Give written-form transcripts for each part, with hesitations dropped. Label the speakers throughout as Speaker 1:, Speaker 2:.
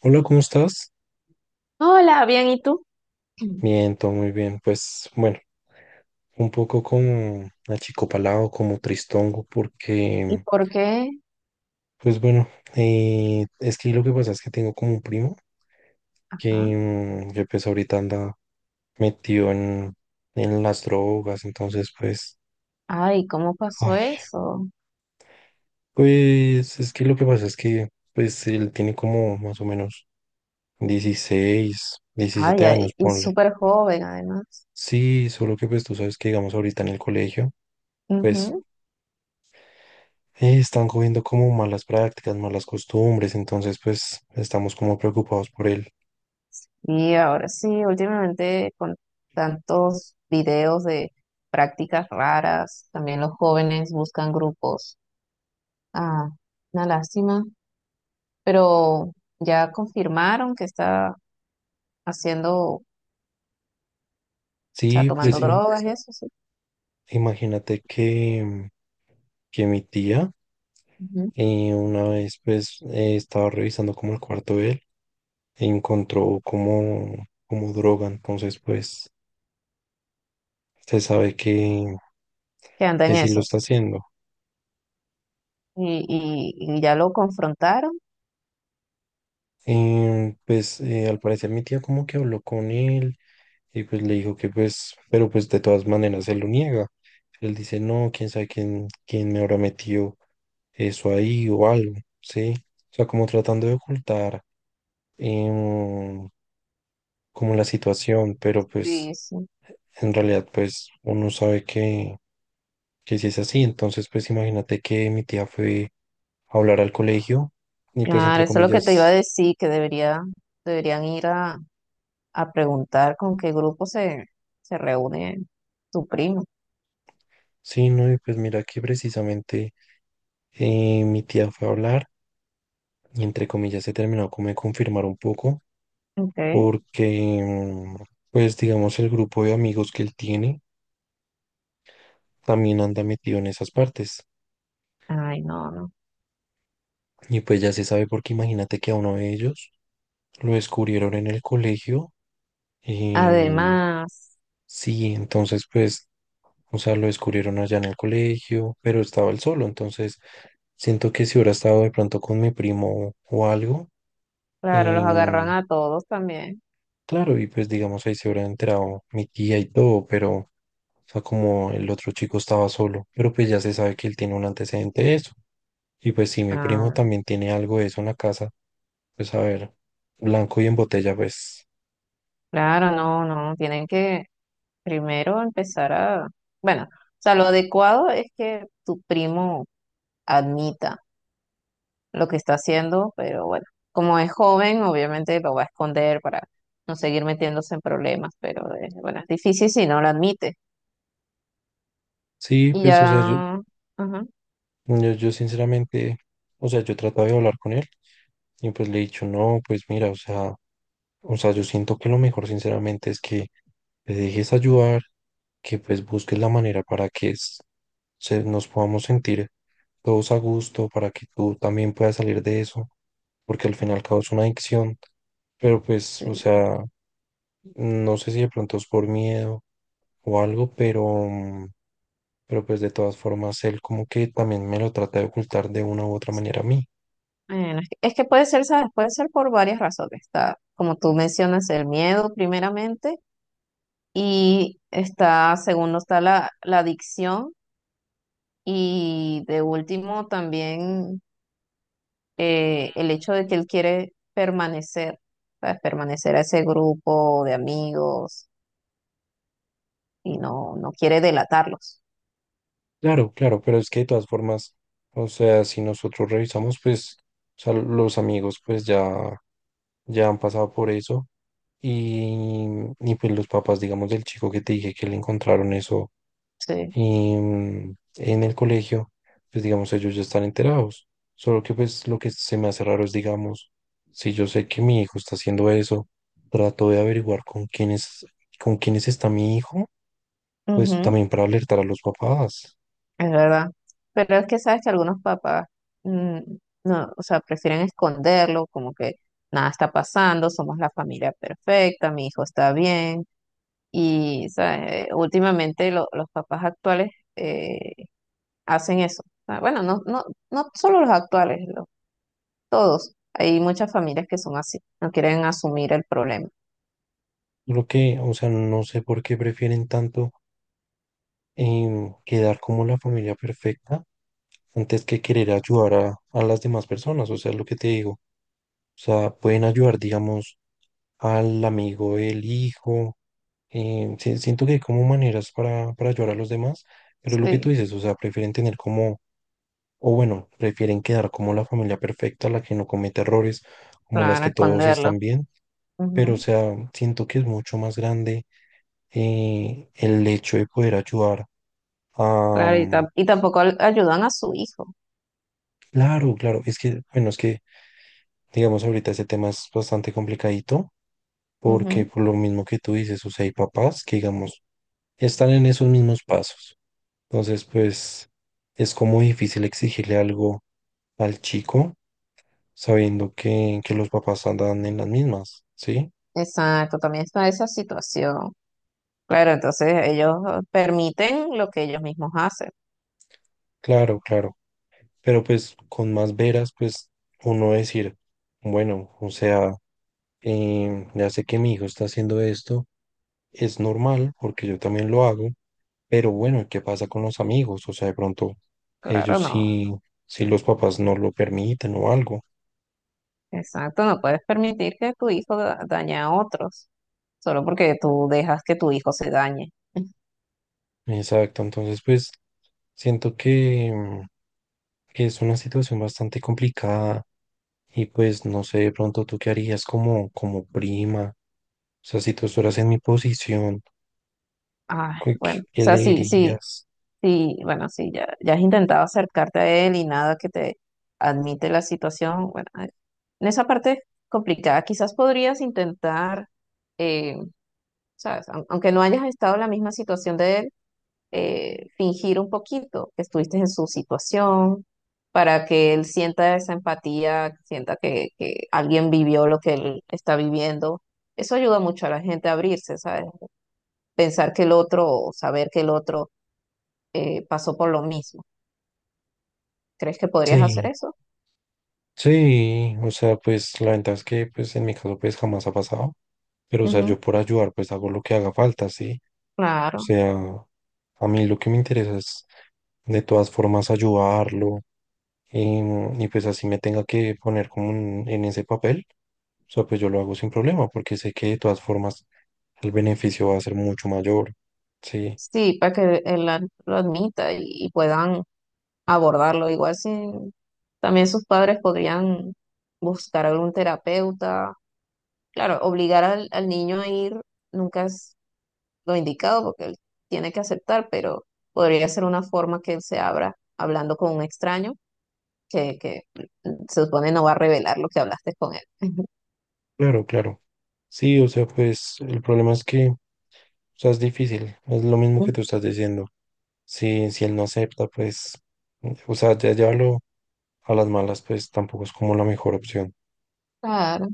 Speaker 1: Hola, ¿cómo estás?
Speaker 2: Hola, bien, ¿y tú?
Speaker 1: Bien, todo muy bien. Pues bueno, un poco como achicopalado, como tristongo,
Speaker 2: ¿Y
Speaker 1: porque,
Speaker 2: por qué?
Speaker 1: pues bueno, es que lo que pasa es que tengo como un primo
Speaker 2: Ajá.
Speaker 1: que, que pues ahorita anda metido en las drogas, entonces pues,
Speaker 2: Ay, ¿cómo pasó
Speaker 1: ay,
Speaker 2: eso?
Speaker 1: pues es que lo que pasa es que, pues él tiene como más o menos 16,
Speaker 2: Ay,
Speaker 1: 17
Speaker 2: ay,
Speaker 1: años,
Speaker 2: y
Speaker 1: ponle.
Speaker 2: súper joven además.
Speaker 1: Sí, solo que pues tú sabes que digamos ahorita en el colegio. Pues
Speaker 2: Ujú.
Speaker 1: están cogiendo como malas prácticas, malas costumbres, entonces pues estamos como preocupados por él.
Speaker 2: Y ahora sí, últimamente con tantos videos de prácticas raras, también los jóvenes buscan grupos. Ah, una lástima, pero ya confirmaron que está haciendo, o sea,
Speaker 1: Sí,
Speaker 2: tomando,
Speaker 1: pues
Speaker 2: sí, drogas y eso, sí.
Speaker 1: imagínate que mi tía
Speaker 2: Ujú.
Speaker 1: una vez pues estaba revisando como el cuarto de él e encontró como, como droga, entonces pues se sabe que,
Speaker 2: Que anda
Speaker 1: que
Speaker 2: en
Speaker 1: sí lo está
Speaker 2: esos.
Speaker 1: haciendo.
Speaker 2: Y ya lo confrontaron.
Speaker 1: Pues al parecer mi tía como que habló con él y pues le dijo que pues, pero pues de todas maneras él lo niega. Él dice, no, quién sabe quién, quién me habrá metido eso ahí o algo, ¿sí? O sea, como tratando de ocultar em, como la situación, pero pues
Speaker 2: Sí,
Speaker 1: en realidad pues uno sabe que si es así, entonces pues imagínate que mi tía fue a hablar al colegio y pues entre
Speaker 2: claro, eso es lo que te iba a
Speaker 1: comillas,
Speaker 2: decir, que debería, deberían ir a preguntar con qué grupo se reúne tu primo.
Speaker 1: sí, no, y pues mira que precisamente mi tía fue a hablar. Y entre comillas se terminó como de confirmar un poco,
Speaker 2: Okay.
Speaker 1: porque pues digamos el grupo de amigos que él tiene también anda metido en esas partes.
Speaker 2: Ay, no, no.
Speaker 1: Y pues ya se sabe porque imagínate que a uno de ellos lo descubrieron en el colegio. em,
Speaker 2: Además,
Speaker 1: sí, entonces pues, o sea, lo descubrieron allá en el colegio, pero estaba él solo. Entonces siento que si hubiera estado de pronto con mi primo o algo,
Speaker 2: claro, los agarran
Speaker 1: em,
Speaker 2: a todos también.
Speaker 1: claro, y pues digamos ahí se hubiera enterado mi tía y todo, pero… O sea, como el otro chico estaba solo, pero pues ya se sabe que él tiene un antecedente de eso. Y pues si mi primo
Speaker 2: Ah,
Speaker 1: también tiene algo de eso en la casa, pues a ver, blanco y en botella, pues
Speaker 2: claro, no, no, tienen que primero empezar a, bueno, o sea, lo adecuado es que tu primo admita lo que está haciendo, pero bueno, como es joven, obviamente lo va a esconder para no seguir metiéndose en problemas, pero bueno, es difícil si no lo admite.
Speaker 1: sí,
Speaker 2: Y
Speaker 1: pues o sea, yo,
Speaker 2: ya, ajá,
Speaker 1: yo, yo sinceramente, o sea, yo trataba de hablar con él y pues le he dicho, no, pues mira, o sea, yo siento que lo mejor sinceramente es que te dejes ayudar, que pues busques la manera para que se, nos podamos sentir todos a gusto, para que tú también puedas salir de eso, porque al fin y al cabo es una adicción, pero pues, o
Speaker 2: sí.
Speaker 1: sea, no sé si de pronto es por miedo o algo, pero pues de todas formas él como que también me lo trata de ocultar de una u otra manera a mí.
Speaker 2: Bueno, es que puede ser, ¿sabes? Puede ser por varias razones. Está, como tú mencionas, el miedo primeramente, y está, segundo, está la adicción, y de último también el hecho de que él quiere permanecer, ¿sabes? Permanecer a ese grupo de amigos y no, no quiere delatarlos.
Speaker 1: Claro, claro, pero es que de todas formas, o sea, si nosotros revisamos, pues, o sea, los amigos pues ya han pasado por eso. Y, y pues los papás, digamos, del chico que te dije que le encontraron eso
Speaker 2: Sí,
Speaker 1: y en el colegio, pues digamos, ellos ya están enterados. Solo que pues lo que se me hace raro es, digamos, si yo sé que mi hijo está haciendo eso, trato de averiguar con quiénes, está mi hijo, pues
Speaker 2: ujú,
Speaker 1: también para alertar a los papás.
Speaker 2: es verdad. Pero es que sabes que algunos papás, mm, no, o sea, prefieren esconderlo, como que nada está pasando, somos la familia perfecta, mi hijo está bien. Y, ¿sabes? Últimamente los papás actuales eh, hacen eso. O sea, bueno, no, no, no solo los actuales, todos. Hay muchas familias que son así, no quieren asumir el problema.
Speaker 1: Lo que, o sea, no sé por qué prefieren tanto quedar como la familia perfecta antes que querer ayudar a las demás personas. O sea, lo que te digo. O sea, pueden ayudar, digamos, al amigo del hijo. Sí, siento que hay como maneras para, ayudar a los demás, pero lo que tú
Speaker 2: Sí,
Speaker 1: dices, o sea, prefieren tener como, o bueno, prefieren quedar como la familia perfecta, la que no comete errores, como las
Speaker 2: claro,
Speaker 1: que todos
Speaker 2: esconderlo.
Speaker 1: están bien, pero o sea, siento que es mucho más grande el hecho de poder ayudar a…
Speaker 2: Claro, y, y tampoco ayudan a su hijo.
Speaker 1: Claro, claro, es que, bueno, es que, digamos, ahorita ese tema es bastante complicadito, porque
Speaker 2: Ujú.
Speaker 1: por lo mismo que tú dices, o sea, hay papás que, digamos, están en esos mismos pasos. Entonces, pues es como difícil exigirle algo al chico sabiendo que los papás andan en las mismas, ¿sí?
Speaker 2: Exacto, también está esa situación. Claro, entonces ellos permiten lo que ellos mismos hacen.
Speaker 1: Claro, claro. Pero pues con más veras, pues uno decir, bueno, o sea, ya sé que mi hijo está haciendo esto, es normal porque yo también lo hago, pero bueno, ¿qué pasa con los amigos? O sea, de pronto
Speaker 2: Claro,
Speaker 1: ellos
Speaker 2: no.
Speaker 1: sí, si los papás no lo permiten o algo.
Speaker 2: Exacto, no puedes permitir que tu hijo dañe a otros, solo porque tú dejas que tu hijo se dañe.
Speaker 1: Exacto, entonces pues siento que es una situación bastante complicada y pues no sé de pronto tú qué harías como, como prima, o sea, si tú estuvieras en mi posición,
Speaker 2: Ah,
Speaker 1: ¿qué,
Speaker 2: bueno,
Speaker 1: qué-
Speaker 2: o
Speaker 1: qué
Speaker 2: sea,
Speaker 1: le
Speaker 2: sí, sí,
Speaker 1: dirías?
Speaker 2: sí, bueno, sí, ya has intentado acercarte a él y nada que te admite la situación. Bueno, en esa parte complicada, quizás podrías intentar, eh, ¿sabes? Aunque no hayas estado en la misma situación de él, fingir un poquito que estuviste en su situación para que él sienta esa empatía, sienta que alguien vivió lo que él está viviendo. Eso ayuda mucho a la gente a abrirse, ¿sabes? Pensar que el otro, o saber que el otro pasó por lo mismo. ¿Crees que podrías hacer
Speaker 1: Sí,
Speaker 2: eso?
Speaker 1: sí, o sea, pues la ventaja es que pues en mi caso pues jamás ha pasado, pero o sea,
Speaker 2: Ujú,
Speaker 1: yo por ayudar pues hago lo que haga falta, ¿sí? O
Speaker 2: claro.
Speaker 1: sea, a mí lo que me interesa es de todas formas ayudarlo. Y pues así me tenga que poner como en, ese papel, o sea, pues yo lo hago sin problema porque sé que de todas formas el beneficio va a ser mucho mayor. Sí,
Speaker 2: Sí, para que él lo admita y puedan abordarlo. Igual si también sus padres podrían buscar algún terapeuta. Claro, obligar al niño a ir nunca es lo indicado porque él tiene que aceptar, pero podría ser una forma que él se abra hablando con un extraño que se supone no va a revelar lo que hablaste con él.
Speaker 1: claro, claro. Sí, o sea, pues el problema es que, o sea, es difícil, es lo mismo que tú estás diciendo. Si, si él no acepta, pues, o sea, ya llevarlo a las malas, pues tampoco es como la mejor opción.
Speaker 2: Claro.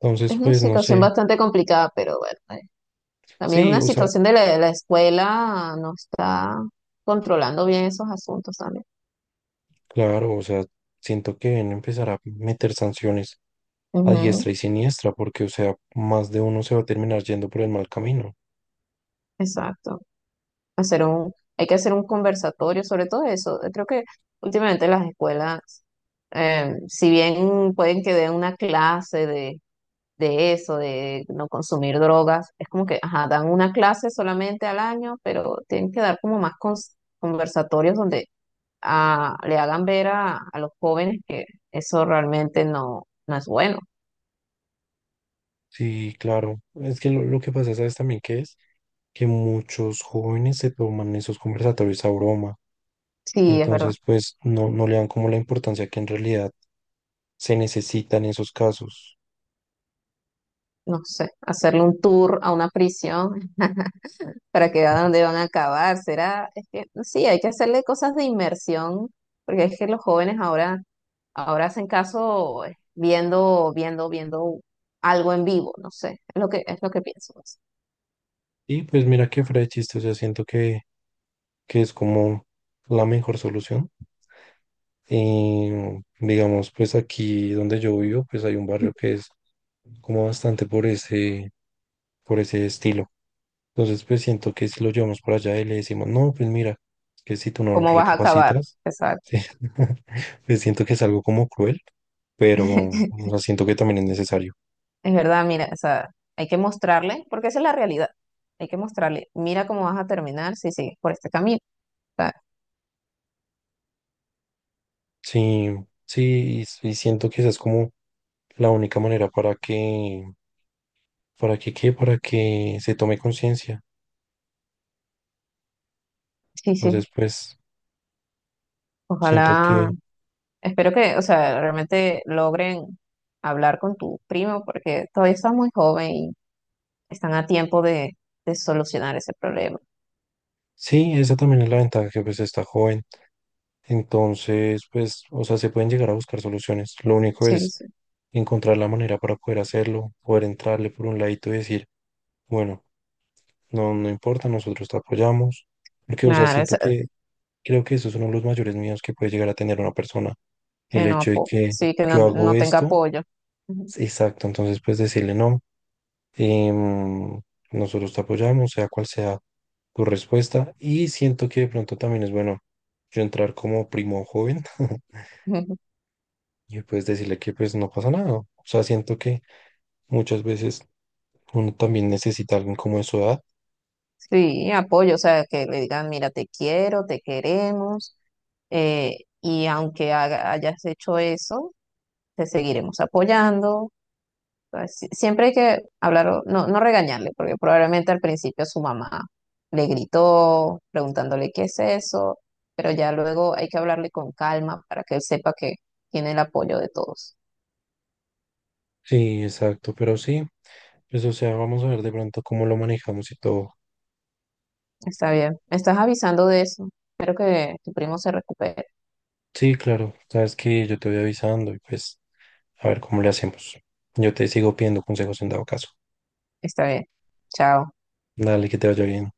Speaker 1: Entonces,
Speaker 2: Es una
Speaker 1: pues no
Speaker 2: situación
Speaker 1: sé.
Speaker 2: bastante complicada, pero bueno, también es
Speaker 1: Sí,
Speaker 2: una
Speaker 1: o sea,
Speaker 2: situación de la escuela, no está controlando bien esos asuntos también.
Speaker 1: claro, o sea, siento que deben empezar a meter sanciones a
Speaker 2: Ujú,
Speaker 1: diestra y siniestra, porque, o sea, más de uno se va a terminar yendo por el mal camino.
Speaker 2: exacto. Hay que hacer un conversatorio sobre todo eso. Creo que últimamente las escuelas, si bien pueden que den una clase de eso, de no consumir drogas, es como que, ajá, dan una clase solamente al año, pero tienen que dar como más conversatorios donde le hagan ver a los jóvenes que eso realmente no, no es bueno.
Speaker 1: Sí, claro. Es que lo que pasa, ¿sabes también qué es? Que muchos jóvenes se toman esos conversatorios a broma.
Speaker 2: Sí, es verdad.
Speaker 1: Entonces, pues no, no le dan como la importancia que en realidad se necesitan esos casos.
Speaker 2: No sé, hacerle un tour a una prisión para que vean dónde van a acabar. Será, es que sí, hay que hacerle cosas de inmersión, porque es que los jóvenes ahora, ahora hacen caso viendo, viendo, viendo algo en vivo. No sé, es lo que pienso pues.
Speaker 1: Y pues mira que fuera de chiste, o sea, siento que es como la mejor solución. Y digamos, pues aquí donde yo vivo, pues hay un barrio que es como bastante por ese, estilo. Entonces, pues siento que si lo llevamos para allá y le decimos, no, pues mira, que si tú no
Speaker 2: ¿Cómo vas a acabar?
Speaker 1: recapacitas,
Speaker 2: Exacto.
Speaker 1: sí, pues siento que es algo como cruel, pero o sea, siento que también es necesario.
Speaker 2: Es verdad, mira, o sea, hay que mostrarle, porque esa es la realidad. Hay que mostrarle, mira cómo vas a terminar si sigues por este camino. O sea,
Speaker 1: Sí, sí, y siento que esa es como la única manera para que, ¿qué? Para que se tome conciencia.
Speaker 2: sí, sí,
Speaker 1: Entonces, pues siento
Speaker 2: ojalá,
Speaker 1: que…
Speaker 2: espero que, o sea, realmente logren hablar con tu primo, porque todavía está muy joven y están a tiempo de solucionar ese problema.
Speaker 1: Sí, esa también es la ventaja que pues está joven. Entonces, pues, o sea, se pueden llegar a buscar soluciones. Lo único
Speaker 2: Sí,
Speaker 1: es
Speaker 2: sí,
Speaker 1: encontrar la manera para poder hacerlo, poder entrarle por un ladito y decir, bueno, no, no importa, nosotros te apoyamos. Porque, o sea,
Speaker 2: claro,
Speaker 1: siento que creo que eso es uno de los mayores miedos que puede llegar a tener una persona.
Speaker 2: que
Speaker 1: El
Speaker 2: no,
Speaker 1: hecho de que
Speaker 2: sí, que no,
Speaker 1: yo hago
Speaker 2: no tenga
Speaker 1: esto,
Speaker 2: apoyo. Ujú.
Speaker 1: exacto. Entonces, pues decirle, no, em, nosotros te apoyamos, sea cual sea tu respuesta y siento que de pronto también es bueno yo entrar como primo joven y pues decirle que pues no pasa nada. O sea, siento que muchas veces uno también necesita a alguien como de su edad.
Speaker 2: Sí, apoyo, o sea, que le digan, mira, te quiero, te queremos, eh, y aunque hayas hecho eso, te seguiremos apoyando. O sea, siempre hay que hablar, no, no regañarle, porque probablemente al principio su mamá le gritó preguntándole qué es eso, pero ya luego hay que hablarle con calma para que él sepa que tiene el apoyo de todos.
Speaker 1: Sí, exacto, pero sí, pues o sea, vamos a ver de pronto cómo lo manejamos y todo.
Speaker 2: Está bien, me estás avisando de eso. Espero que tu primo se recupere.
Speaker 1: Sí, claro, sabes que yo te voy avisando y pues a ver cómo le hacemos. Yo te sigo pidiendo consejos en dado caso.
Speaker 2: Está bien, chao.
Speaker 1: Dale, que te vaya bien.